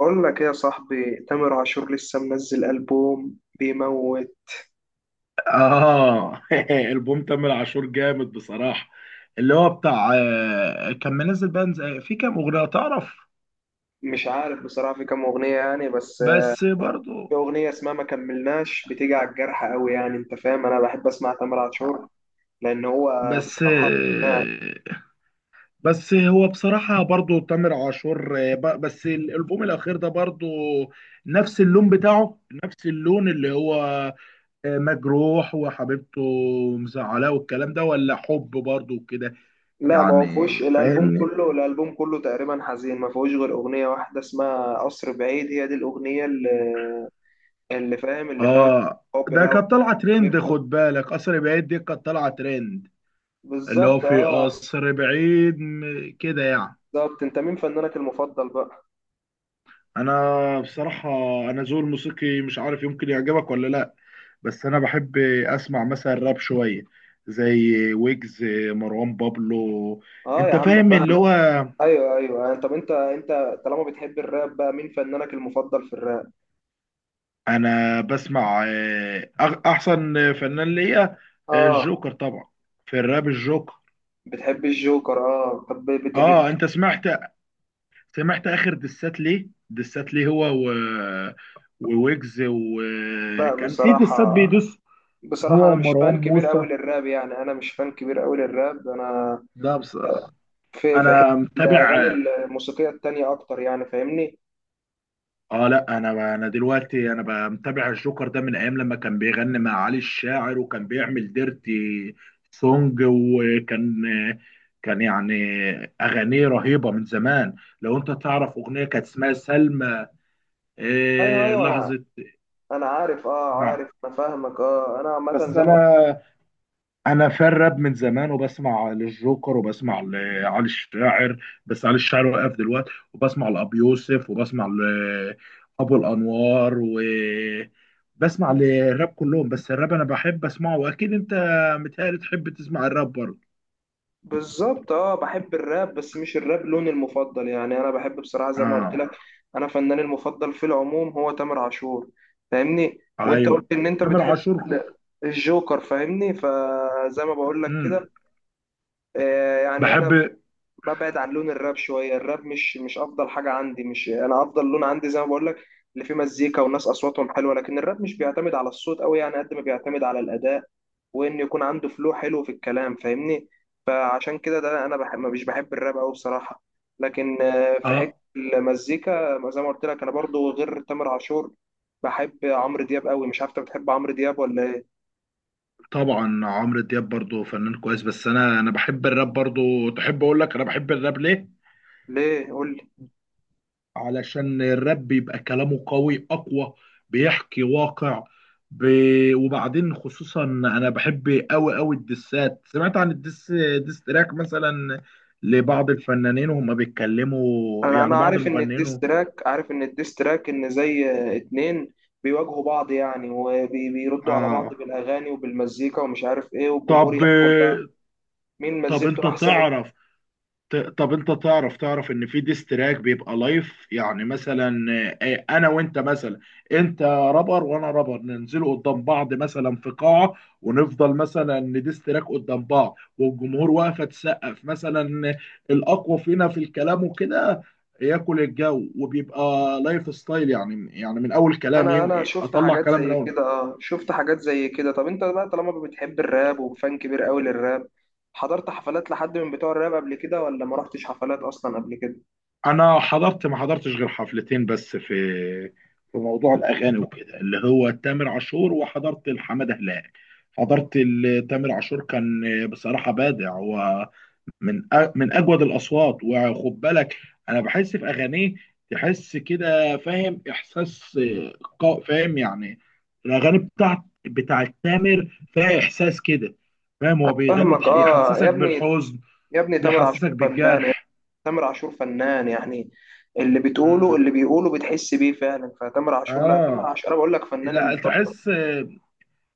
بقول لك ايه يا صاحبي؟ تامر عاشور لسه منزل ألبوم بيموت. اه. البوم تامر عاشور جامد بصراحه. اللي هو بتاع كان منزل بقى في كام اغنيه تعرف؟ مش عارف بصراحة في كام أغنية يعني، بس بس في برضو. أغنية اسمها ما كملناش بتيجي على الجرح قوي، يعني أنت فاهم، أنا بحب أسمع تامر عاشور لأن هو بس بصراحة. آه، بس هو بصراحه برضو تامر عاشور، بس الالبوم الاخير ده برضو نفس اللون بتاعه، نفس اللون اللي هو مجروح وحبيبته مزعلاه والكلام ده، ولا حب برضو كده، لا، ما هو يعني فيهوش الألبوم فاهمني. كله، الألبوم كله تقريبا حزين، ما فيهوش غير أغنية واحدة اسمها قصر بعيد، هي دي الأغنية اللي فاهم، اللي فيها اه، حب ده بقى كانت طالعه ترند، وكده. خد بالك قصر بعيد دي كانت طالعه ترند. اللي هو بالظبط، في قصر بعيد كده يعني. بالظبط. أنت مين فنانك المفضل بقى؟ انا بصراحه، انا ذوقي الموسيقي مش عارف يمكن يعجبك ولا لا، بس انا بحب اسمع مثلا راب شويه، زي ويجز، مروان بابلو. اه يا انت عم. فاهم اللي هو ايوه ايوه، يعني طب انت طالما بتحب الراب بقى، مين فنانك المفضل في الراب؟ انا بسمع احسن فنان ليا اه الجوكر طبعا. في الراب الجوكر. بتحب الجوكر؟ اه طب بت بت اه، انت سمعت؟ سمعت اخر دسات ليه، هو وويجز، لا وكان في بصراحه دسات بيدوس، بصراحه هو انا مش ومروان فان كبير قوي موسى للراب، يعني انا مش فان كبير قوي للراب، انا ده بس. في حته انا متابع. الاغاني الموسيقيه التانية اكتر يعني، فاهمني؟ اه، لا، انا دلوقتي انا بقى متابع الجوكر ده من ايام لما كان بيغني مع علي الشاعر، وكان بيعمل ديرتي سونج، وكان يعني اغانيه رهيبه من زمان. لو انت تعرف اغنيه كانت اسمها سلمى. ايوه إيه، ايوه، انا لحظه. انا عارف، نعم. عارف، انا فاهمك، اه انا عامه بس زي ما انا في الراب من زمان، وبسمع للجوكر وبسمع لعلي الشاعر، بس علي الشاعر وقف دلوقتي، وبسمع لابو يوسف وبسمع لابو الانوار وبسمع للراب كلهم، بس الراب انا بحب اسمعه، واكيد انت متهيألي تحب تسمع الراب برضه. بالظبط. اه بحب الراب بس مش الراب لوني المفضل، يعني انا بحب بصراحه زي ما قلت اه. لك، انا فناني المفضل في العموم هو تامر عاشور، فاهمني؟ وانت قلت ايوه. ان انت تامر بتحب عاشور. الجوكر، فاهمني؟ فزي ما بقول لك امم. كده. آه يعني انا بحب. ببعد عن لون الراب شويه، الراب مش افضل حاجه عندي، مش انا افضل لون عندي زي ما بقول لك اللي فيه مزيكا والناس اصواتهم حلوه، لكن الراب مش بيعتمد على الصوت قوي يعني قد ما بيعتمد على الاداء، وان يكون عنده فلو حلو في الكلام، فاهمني؟ فعشان كده ده انا مش بحب الراب قوي بصراحه، لكن في حته اه، المزيكا زي ما قلت لك، انا برضو غير تامر عاشور بحب عمرو دياب قوي، مش عارف انت بتحب عمرو دياب ولا ايه؟ طبعا عمرو دياب برضه فنان كويس، بس انا بحب الراب برضه. تحب اقول لك انا بحب الراب ليه؟ ليه، قول لي. علشان الراب بيبقى كلامه قوي اقوى، بيحكي واقع. ب... وبعدين خصوصا انا بحب قوي قوي الدسات. سمعت عن الدس، ديس تراك مثلا، لبعض الفنانين وهم بيتكلموا انا يعني بعض عارف ان المغنيين الديستراك، عارف ان الديستراك ان زي اتنين بيواجهوا بعض يعني، وبيردوا على بعض اه. بالاغاني وبالمزيكا ومش عارف ايه، والجمهور طب، يحكم بقى مين مزيكته انت احسن. تعرف، ت- طب انت تعرف ان في ديستراك بيبقى لايف يعني. مثلا انا وانت مثلا، انت رابر وانا رابر، ننزلوا قدام بعض مثلا في قاعة، ونفضل مثلا نديستراك قدام بعض، والجمهور واقفة تسقف مثلا الاقوى فينا في الكلام وكده، ياكل الجو، وبيبقى لايف ستايل يعني. يعني من اول كلام انا انا شفت اطلع حاجات كلام من زي اول. كده، اه شفت حاجات زي كده. طب انت بقى طالما بتحب الراب وفان كبير قوي للراب، حضرت حفلات لحد من بتوع الراب قبل كده ولا ما رحتش حفلات اصلا قبل كده؟ انا حضرت، ما حضرتش غير حفلتين بس، في في موضوع الاغاني وكده، اللي هو تامر عاشور، وحضرت لحماده هلال. حضرت تامر عاشور كان بصراحه بادع، ومن من اجود الاصوات. وخد بالك انا بحس في اغانيه تحس كده، فاهم احساس، فاهم يعني الاغاني بتاعت تامر فيها احساس كده، فاهم؟ هو بيغني فاهمك، اه يا يحسسك ابني، بالحزن، يا ابني تامر عاشور بيحسسك فنان، بالجرح. تامر عاشور فنان يعني، اللي بتقوله، مم. اللي بيقوله بتحس بيه فعلا، فتامر عاشور، لا تامر اه، عاشور انا بقول لك فنان لا المفضل. تحس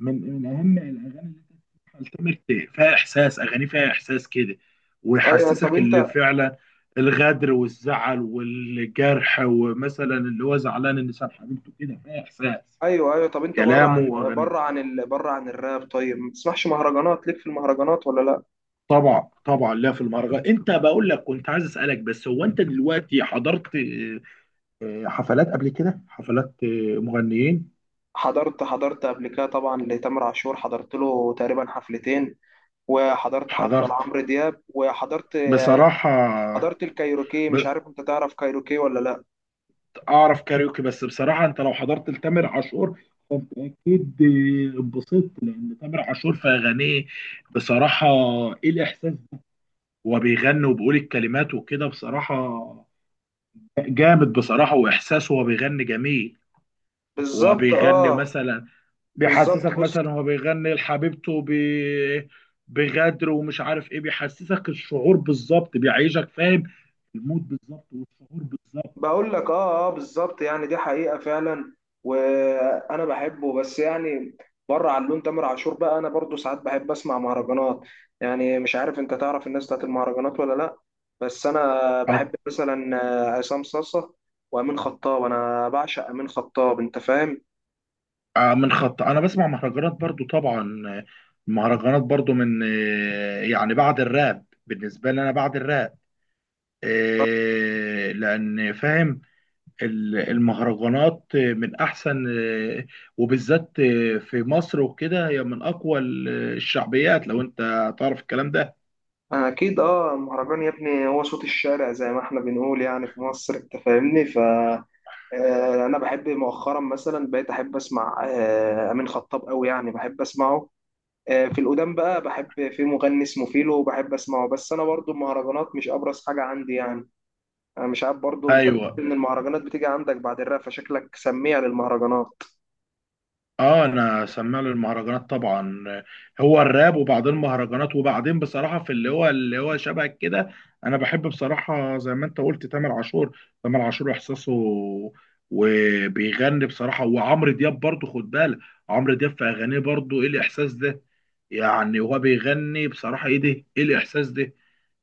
من اهم الاغاني اللي انت بتسمعها لتامر، فيها احساس، اغاني فيها احساس كده، ايوه طب ويحسسك اللي انت، فعلا الغدر والزعل والجرح، ومثلا اللي هو زعلان ان ساب حبيبته كده، فيها احساس ايوه ايوه طب انت، كلامه واغانيه. بره عن الراب، طيب ما بتسمعش مهرجانات؟ ليك في المهرجانات ولا لا؟ طبعا، طبعا، لا في المهرجان. انت بقول لك كنت عايز اسالك بس، هو انت دلوقتي حضرت حفلات قبل كده، حفلات مغنيين. حضرت قبل كده طبعا، لتامر عاشور حضرت له تقريبا حفلتين، وحضرت حفله حضرت لعمرو دياب، وحضرت بصراحة. حضرت الكايروكي، مش ب... عارف انت تعرف كايروكي ولا لا؟ اعرف كاريوكي. بس بصراحه انت لو حضرت لتامر عاشور، فانت اكيد اتبسطت. لان تامر عاشور في اغانيه بصراحه ايه الاحساس ده. هو بيغني وبيقول الكلمات وكده، بصراحه جامد، بصراحه واحساسه هو بيغني جميل. هو بالظبط، بيغني مثلا، بالظبط. بيحسسك بص، مثلا، هو بيغني لحبيبته بغدر ومش عارف ايه، بيحسسك الشعور بالظبط، بيعيشك فاهم المود بالظبط والشعور بالظبط. بقول لك، بالظبط، يعني دي حقيقة فعلا وانا بحبه، بس يعني بره عن لون تامر عاشور بقى انا برضو ساعات بحب اسمع مهرجانات، يعني مش عارف انت تعرف الناس بتاعت المهرجانات ولا لا، بس انا بحب مثلا عصام صاصة وامين خطاب، انا بعشق امين خطاب، انت فاهم؟ من خط. انا بسمع مهرجانات برضو طبعا. المهرجانات برضو من يعني بعد الراب بالنسبه لي. انا بعد الراب لان فاهم المهرجانات من احسن، وبالذات في مصر وكده، هي من اقوى الشعبيات، لو انت تعرف الكلام ده. انا اكيد، المهرجان يا ابني هو صوت الشارع زي ما احنا بنقول يعني في مصر، انت فاهمني؟ ف انا بحب مؤخرا مثلا بقيت احب اسمع امين خطاب قوي يعني، بحب اسمعه. في القدام بقى بحب في مغني اسمه فيلو وبحب اسمعه، بس انا برضو المهرجانات مش ابرز حاجه عندي يعني، انا مش عارف، برضو انت بتقول ايوه. ان المهرجانات بتيجي عندك بعد الراب، فشكلك سميع للمهرجانات. اه، انا سمع له المهرجانات طبعا، هو الراب وبعدين مهرجانات، وبعدين بصراحه في اللي هو، اللي هو شبه كده. انا بحب بصراحه زي ما انت قلت تامر عاشور، تامر عاشور احساسه، وبيغني بصراحه. وعمرو دياب برضه خد بالك، عمرو دياب في اغانيه برضه، ايه الاحساس ده؟ يعني هو بيغني بصراحه ايه ده، ايه الاحساس ده؟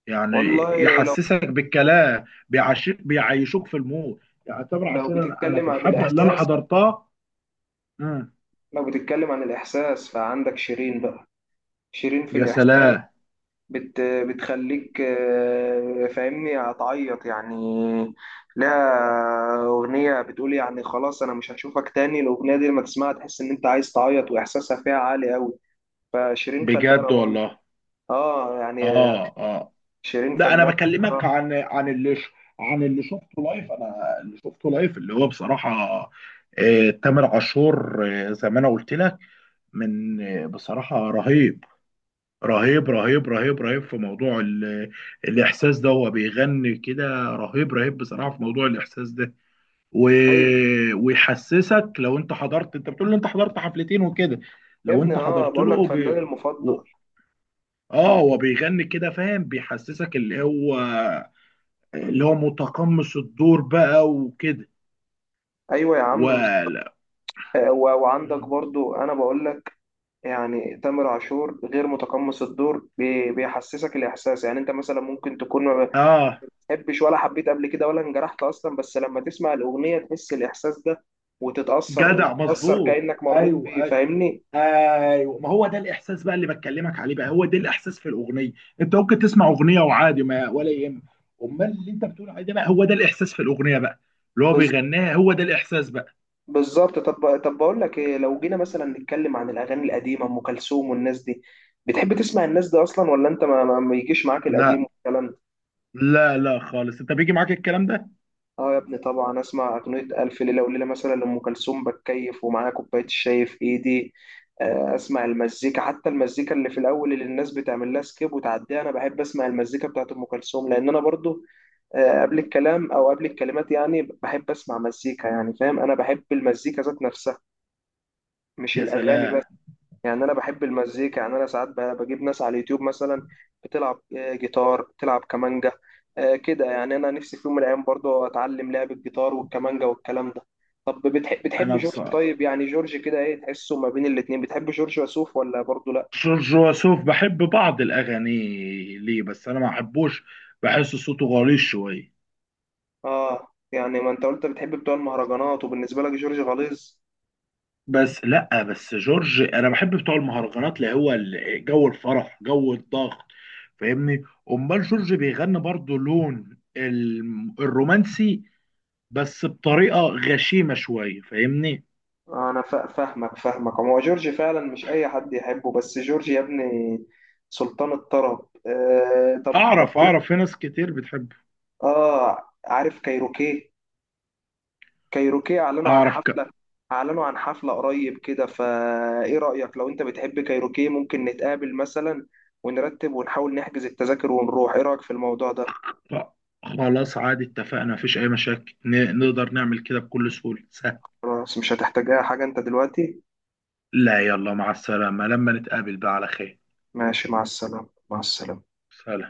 يعني والله يحسسك بالكلام، بيعيشك، بيعيشوك في المود يعني. تامر لو عاشور، انا، أنا في بتتكلم عن الحفله اللي انا الاحساس، حضرتها. مم. فعندك شيرين بقى، شيرين في يا الاحساس، سلام. بتخليك فاهمني، هتعيط يعني، لها اغنيه بتقول يعني خلاص انا مش هشوفك تاني، الاغنيه دي لما تسمعها تحس ان انت عايز تعيط، واحساسها فيها عالي قوي، فشيرين فنانة بجد برضه، والله. اه يعني اه، اه. شيرين لا، انا فنانة بكلمك بصراحة. عن، عن اللي شفته لايف. انا اللي شفته لايف اللي هو بصراحه آه تامر عاشور، آه زي ما انا قلت لك، من آه بصراحه رهيب رهيب رهيب رهيب رهيب في موضوع الاحساس ده. هو بيغني كده رهيب رهيب بصراحه في موضوع الاحساس ده و... ايوه ويحسسك. لو انت حضرت، انت بتقول لي انت حضرت حفلتين وكده، يا لو ابني، انت اه حضرت بقول لك له. فنان ب... المفضل. اه، هو بيغني كده فاهم، بيحسسك اللي هو، اللي هو متقمص الدور بقى وكده ايوه يا عم، ولا. وعندك برضو انا بقول لك يعني، تامر عاشور غير متقمص الدور، بيحسسك الاحساس، يعني انت مثلا ممكن تكون ما اه، بتحبش ولا حبيت قبل كده ولا انجرحت اصلا، بس لما تسمع الاغنية تحس الاحساس ده، وتتأثر جدع وتتأثر مظبوط. كأنك مريت ايوه، بيه، ايوه، فاهمني؟ ايوه. ما هو ده الاحساس بقى اللي بكلمك عليه بقى، هو ده الاحساس في الاغنيه. انت ممكن تسمع اغنيه وعادي، ما ولا يهم. امال اللي انت بتقول عليه ده بقى، هو ده الاحساس في الاغنيه بقى، اللي هو بيغنيها، هو ده الاحساس بقى. بالظبط. طب بقول لك ايه، لو جينا مثلا نتكلم عن الاغاني القديمه ام كلثوم والناس دي، بتحب تسمع الناس دي اصلا ولا انت ما يجيش معاك القديم لا، والكلام ده؟ لا، لا خالص. انت بيجي معاك الكلام ده. اه يا ابني طبعا، اسمع اغنيه الف ليله وليله مثلا لام كلثوم، بتكيف ومعايا كوبايه الشاي في ايدي، اسمع المزيكا، حتى المزيكا اللي في الاول اللي الناس بتعمل لها سكيب وتعديها، انا بحب اسمع المزيكا بتاعت ام كلثوم، لان انا برضو قبل الكلام او قبل الكلمات يعني بحب اسمع مزيكا، يعني فاهم، انا بحب المزيكا ذات نفسها مش يا الاغاني بس، سلام. يعني انا بحب المزيكا، يعني انا ساعات بجيب ناس على اليوتيوب مثلا بتلعب جيتار بتلعب كمانجا، كده يعني، انا نفسي في يوم من الايام برضو اتعلم لعب الجيتار والكمانجا والكلام ده. طب بتحب، انا بص، جورج طيب؟ يعني جورج كده ايه تحسه ما بين الاتنين؟ بتحب جورج وسوف ولا برضو لا؟ جورج وسوف بحب بعض الأغاني، ليه بس أنا ما بحبوش؟ بحس صوته غليظ شوية. اه يعني ما انت قلت بتحب بتوع المهرجانات، وبالنسبة لك جورج غليظ. بس لأ، بس جورج أنا بحب بتوع المهرجانات اللي هو جو الفرح جو الضغط، فاهمني. أمال جورج بيغني برضه لون الرومانسي، بس بطريقة غشيمة شوية، فاهمني. انا فاهمك، فاهمك هو جورج فعلا مش اي حد يحبه، بس جورج يا ابني سلطان الطرب. طب، أعرف في ناس كتير بتحبه. اه، عارف كايروكي؟ كايروكي اعلنوا عن أعرف حفلة، قريب كده، فايه رأيك لو انت بتحب كايروكي، ممكن نتقابل مثلا ونرتب ونحاول نحجز التذاكر ونروح، ايه رأيك في الموضوع ده؟ ف- خلاص عادي، اتفقنا، مفيش أي مشاكل، نقدر نعمل كده بكل سهولة، سهل. خلاص، مش هتحتاجها حاجة انت دلوقتي. لا، يلا مع السلامة، لما نتقابل بقى على خير. ماشي، مع السلامة، مع السلامة. سلام.